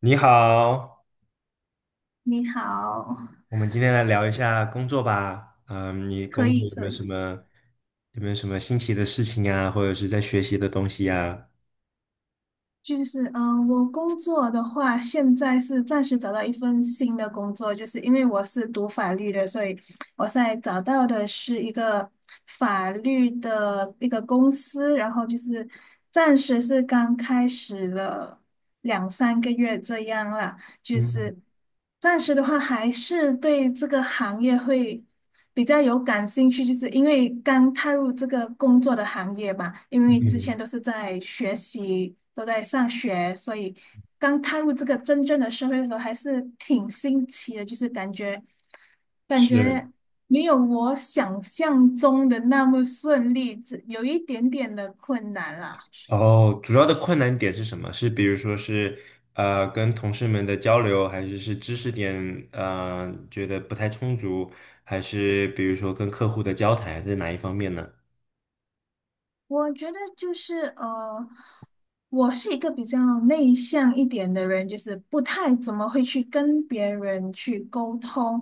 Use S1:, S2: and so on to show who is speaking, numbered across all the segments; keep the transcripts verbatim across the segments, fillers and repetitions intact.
S1: 你好，
S2: 你好。
S1: 我们今天来聊一下工作吧。嗯，你
S2: 可
S1: 工
S2: 以
S1: 作有没
S2: 可
S1: 有什
S2: 以。
S1: 么有没有什么新奇的事情啊，或者是在学习的东西呀？
S2: 就是嗯、呃我工作的话，现在是暂时找到一份新的工作，就是因为我是读法律的，所以我现在找到的是一个法律的一个公司，然后就是暂时是刚开始了两三个月这样啦。就
S1: 嗯
S2: 是暂时的话，还是对这个行业会比较有感兴趣，就是因为刚踏入这个工作的行业嘛，因为之前
S1: 嗯，
S2: 都是在学习，都在上学，所以刚踏入这个真正的社会的时候，还是挺新奇的，就是感觉感
S1: 是。
S2: 觉没有我想象中的那么顺利，只有一点点的困难啦。
S1: 哦，主要的困难点是什么？是比如说是呃跟同事们的交流，还是是知识点呃觉得不太充足，还是比如说跟客户的交谈，哪一方面呢？
S2: 我觉得就是呃。我是一个比较内向一点的人，就是不太怎么会去跟别人去沟通。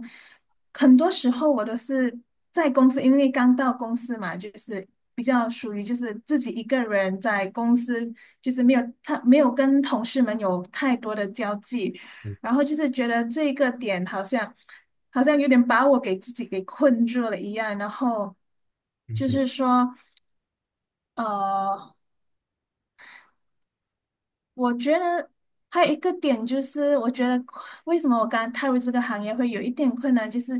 S2: 很多时候我都是在公司，因为刚到公司嘛，就是比较属于就是自己一个人在公司，就是没有他没有跟同事们有太多的交际，然后就是觉得这个点好像好像有点把我给自己给困住了一样。然后
S1: 嗯
S2: 就
S1: 嗯，
S2: 是说。呃。我觉得还有一个点就是，我觉得为什么我刚刚踏入这个行业会有一点困难，就是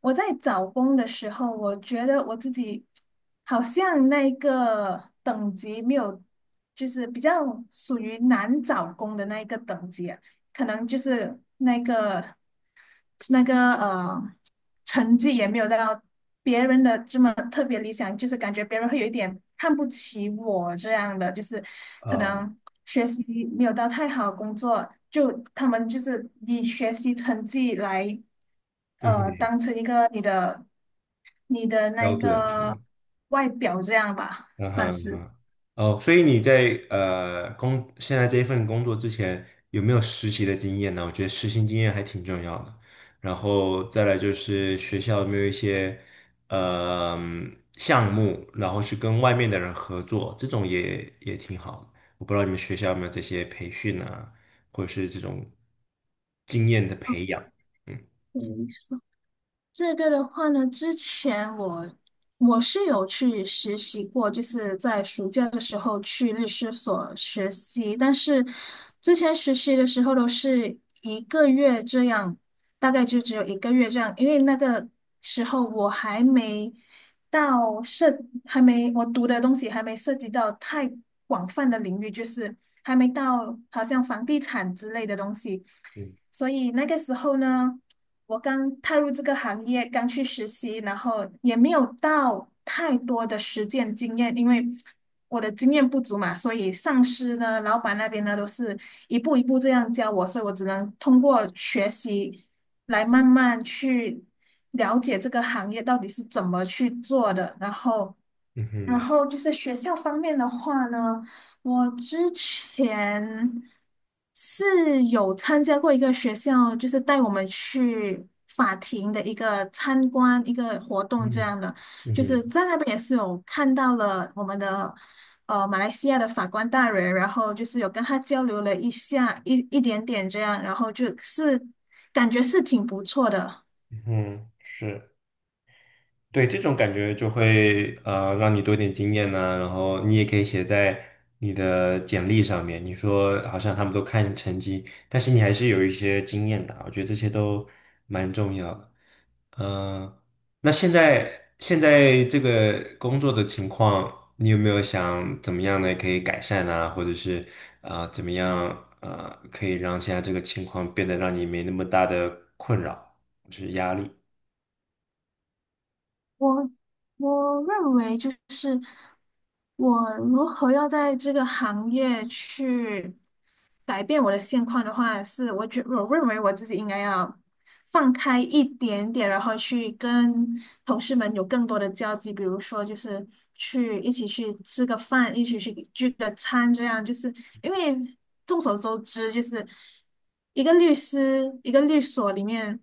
S2: 我在找工的时候，我觉得我自己好像那个等级没有，就是比较属于难找工的那一个等级啊。可能就是那个。是那个呃，成绩也没有到别人的这么特别理想，就是感觉别人会有一点看不起我这样的，就是可能学习没有到太好，工作就他们就是以学习成绩来呃当成一个你的你的那
S1: 标准。
S2: 个外表这样吧，
S1: 嗯
S2: 算
S1: 哼
S2: 是。
S1: 嗯。哦，所以你在呃工现在这一份工作之前有没有实习的经验呢？我觉得实习经验还挺重要的。然后再来就是学校有没有一些呃项目，然后去跟外面的人合作，这种也也挺好的。我不知道你们学校有没有这些培训啊，或者是这种经验的培养。嗯
S2: 嗯，这个的话呢，之前我我是有去实习过，就是在暑假的时候去律师所实习，但是之前实习的时候都是一个月这样，大概就只有一个月这样，因为那个时候我还没到涉，还没我读的东西还没涉及到太广泛的领域，就是还没到好像房地产之类的东西。
S1: 嗯
S2: 所以那个时候呢，我刚踏入这个行业，刚去实习，然后也没有到太多的实践经验，因为我的经验不足嘛，所以上司呢、老板那边呢都是一步一步这样教我，所以我只能通过学习来慢慢去了解这个行业到底是怎么去做的。然后
S1: 嗯
S2: 然
S1: 哼
S2: 后就是学校方面的话呢，我之前是有参加过一个学校，就是带我们去法庭的一个参观一个活动这
S1: 嗯
S2: 样的，
S1: 嗯
S2: 就是
S1: 哼
S2: 在那边也是有看到了我们的呃马来西亚的法官大人，然后就是有跟他交流了一下一一点点这样，然后就是感觉是挺不错的。
S1: 嗯哼，是。对，这种感觉就会呃让你多点经验呢、然后你也可以写在你的简历上面。你说好像他们都看成绩，但是你还是有一些经验的啊，我觉得这些都蛮重要的。嗯、那现在现在这个工作的情况，你有没有想怎么样呢？可以改善啊，或者是啊、呃怎么样呃可以让现在这个情况变得让你没那么大的困扰，就是压力？
S2: 我我认为就是我如何要在这个行业去改变我的现况的话，是我觉我认为我自己应该要放开一点点，然后去跟同事们有更多的交集，比如说就是去一起去吃个饭，一起去聚个餐，这样就是。因为众所周知，就是一个律师，一个律所里面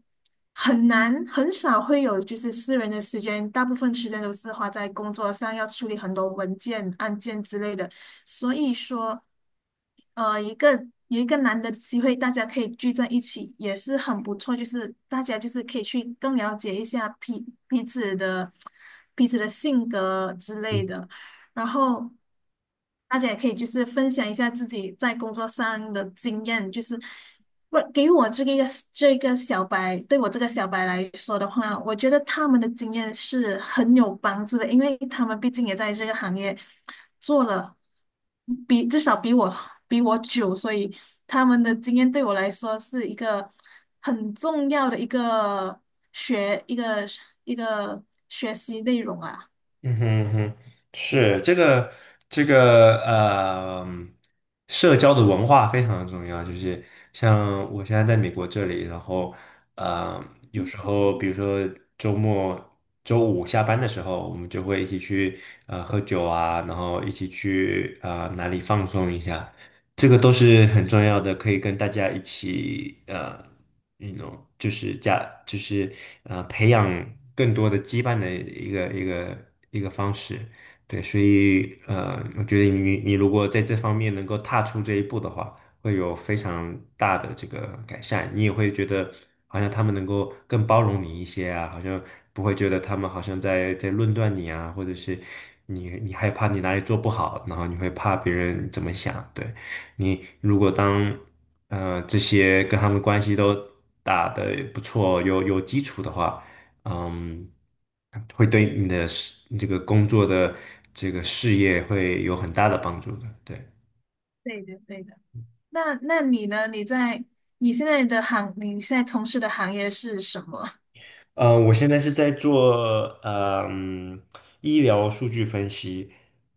S2: 很难很少会有就是私人的时间，大部分时间都是花在工作上，要处理很多文件、案件之类的。所以说，呃，一个有一个难得的机会，大家可以聚在一起，也是很不错。就是大家就是可以去更了解一下彼彼此的彼此的性格之类的。然后大家也可以就是分享一下自己在工作上的经验，就是不给我这个这个小白，对我这个小白来说的话，我觉得他们的经验是很有帮助的，因为他们毕竟也在这个行业做了比至少比我比我久，所以他们的经验对我来说是一个很重要的一个学一个一个学习内容啊。
S1: 嗯哼嗯哼，是这个这个呃，社交的文化非常的重要。就是像我现在在美国这里，然后呃，有时候比如说周末周五下班的时候，我们就会一起去呃喝酒啊，然后一起去呃哪里放松一下。这个都是很重要的，可以跟大家一起呃，那种就是加就是呃培养更多的羁绊的一个一个一个方式。对，所以呃，我觉得你你如果在这方面能够踏出这一步的话，会有非常大的这个改善。你也会觉得好像他们能够更包容你一些啊，好像不会觉得他们好像在在论断你啊，或者是你你害怕你哪里做不好，然后你会怕别人怎么想，对。你如果当呃这些跟他们关系都打得不错，有有基础的话，嗯，会对你的事，你这个工作的这个事业会有很大的帮助的。对。
S2: 对的，对的。那那你呢？你在你现在的行，你现在从事的行业是什么？
S1: 嗯呃我现在是在做嗯医疗数据分析。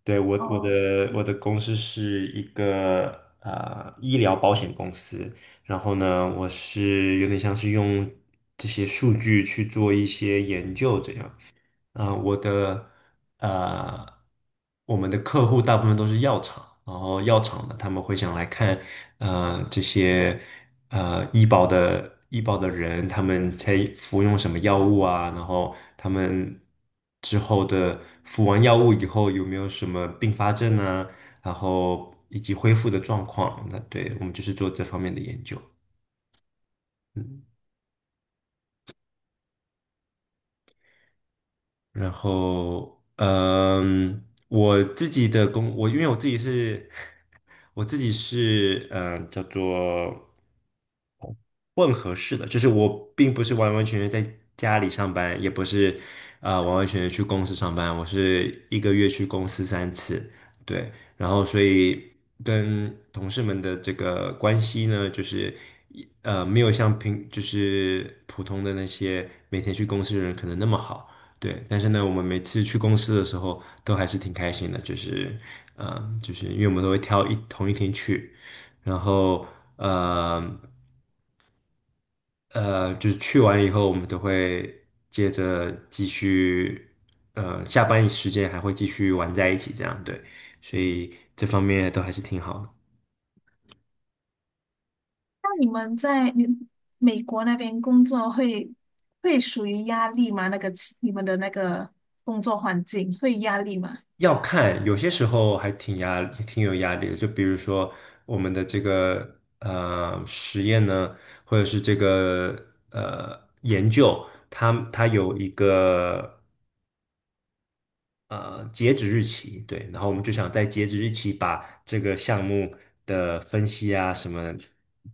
S1: 对，我我
S2: 哦，
S1: 的我的公司是一个呃医疗保险公司，然后呢，我是有点像是用这些数据去做一些研究这样。呃，我的呃，我们的客户大部分都是药厂，然后药厂的他们会想来看呃这些呃医保的医保的人，他们才服用什么药物啊，然后他们之后的服完药物以后有没有什么并发症啊，然后以及恢复的状况，那对我们就是做这方面的研究，嗯。然后，嗯，我自己的工，我因为我自己是，我自己是，嗯，叫做混合式的，就是我并不是完完全全在家里上班，也不是，啊、完完全全去公司上班，我是一个月去公司三次，对，跟同事们的这个关系呢，就是呃没有像平就是普通的那些每天去公司的人可能那么好，对。但是呢，我们每次去公司的时候都还是挺开心的，就是嗯，就是因为我们都会挑一同一天去，然后呃呃就是去完以后，我们都会接着继续。呃，下班时间还会继续玩在一起，这样对，所以这方面都还是挺好的。
S2: 那你们在你美国那边工作会会属于压力吗？那个你们的那个工作环境会压力吗？
S1: 要看，有些时候还挺压，挺有压力的。就比如说我们的这个呃实验呢，或者是这个呃研究，它它有一个呃截止日期，对，然后我们就想在截止日期把这个项目的分析啊什么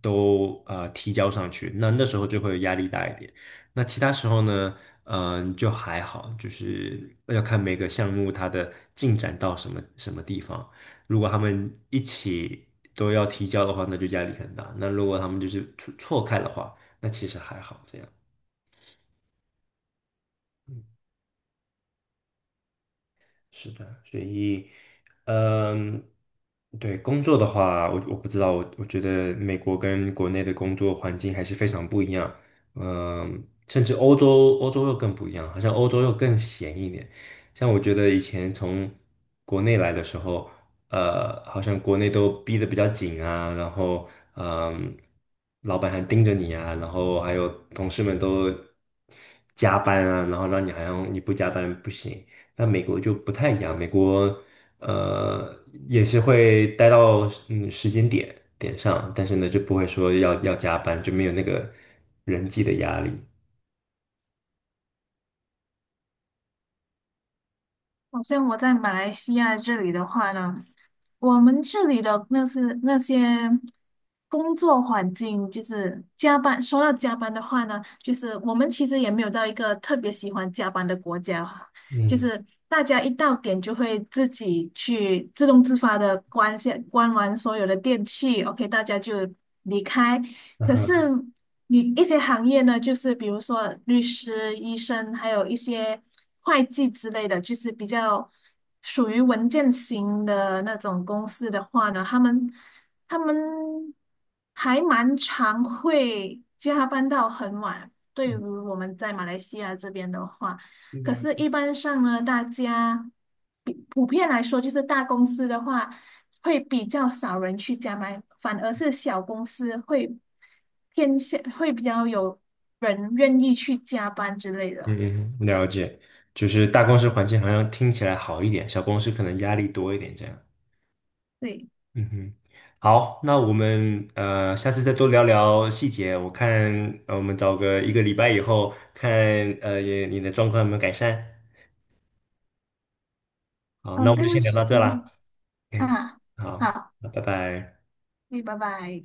S1: 都呃提交上去，那那时候就会压力大一点。那其他时候呢，嗯、就还好，就是要看每个项目它的进展到什么什么地方。如果他们一起都要提交的话，那就压力很大；那如果他们就是错错开的话，那其实还好这样。嗯，是的，所以，嗯，对，工作的话，我我不知道，我我觉得美国跟国内的工作环境还是非常不一样，嗯，甚至欧洲欧洲又更不一样，好像欧洲又更闲一点。像我觉得以前从国内来的时候，呃，好像国内都逼得比较紧啊，然后，嗯，老板还盯着你啊，然后还有同事们都加班啊，然后让你好像你不加班不行。那美国就不太一样，美国呃也是会待到嗯时间点点上，但是呢就不会说要要加班，就没有那个人际的压力。
S2: 好像我在马来西亚这里的话呢，我们这里的那是那些工作环境，就是加班。说到加班的话呢，就是我们其实也没有到一个特别喜欢加班的国家，就
S1: 嗯，
S2: 是大家一到点就会自己去自动自发的关下关完所有的电器，OK，大家就离开。
S1: 然
S2: 可是
S1: 后
S2: 你一些行业呢，就是比如说律师、医生，还有一些会计之类的，就是比较属于文件型的那种公司的话呢，他们他们还蛮常会加班到很晚。对于
S1: 是
S2: 我们在马来西亚这边的话，可是
S1: 的
S2: 一般上呢，大家比普遍来说，就是大公司的话。会比较少人去加班，反而是小公司会偏向会比较有人愿意去加班之类的。
S1: 嗯，嗯，了解，就是大公司环境好像听起来好一点，小公司可能压力多一点这样。
S2: 对。
S1: 嗯哼，好，那我们呃下次再多聊聊细节，我看呃我们找个一个礼拜以后看呃也你的状况有没有改善。好，那
S2: 嗯，
S1: 我们
S2: 对
S1: 就
S2: 不
S1: 先聊到
S2: 起。
S1: 这啦。
S2: 嗯
S1: o
S2: 啊，
S1: 好，
S2: 好。
S1: 那拜拜。
S2: 对，拜拜。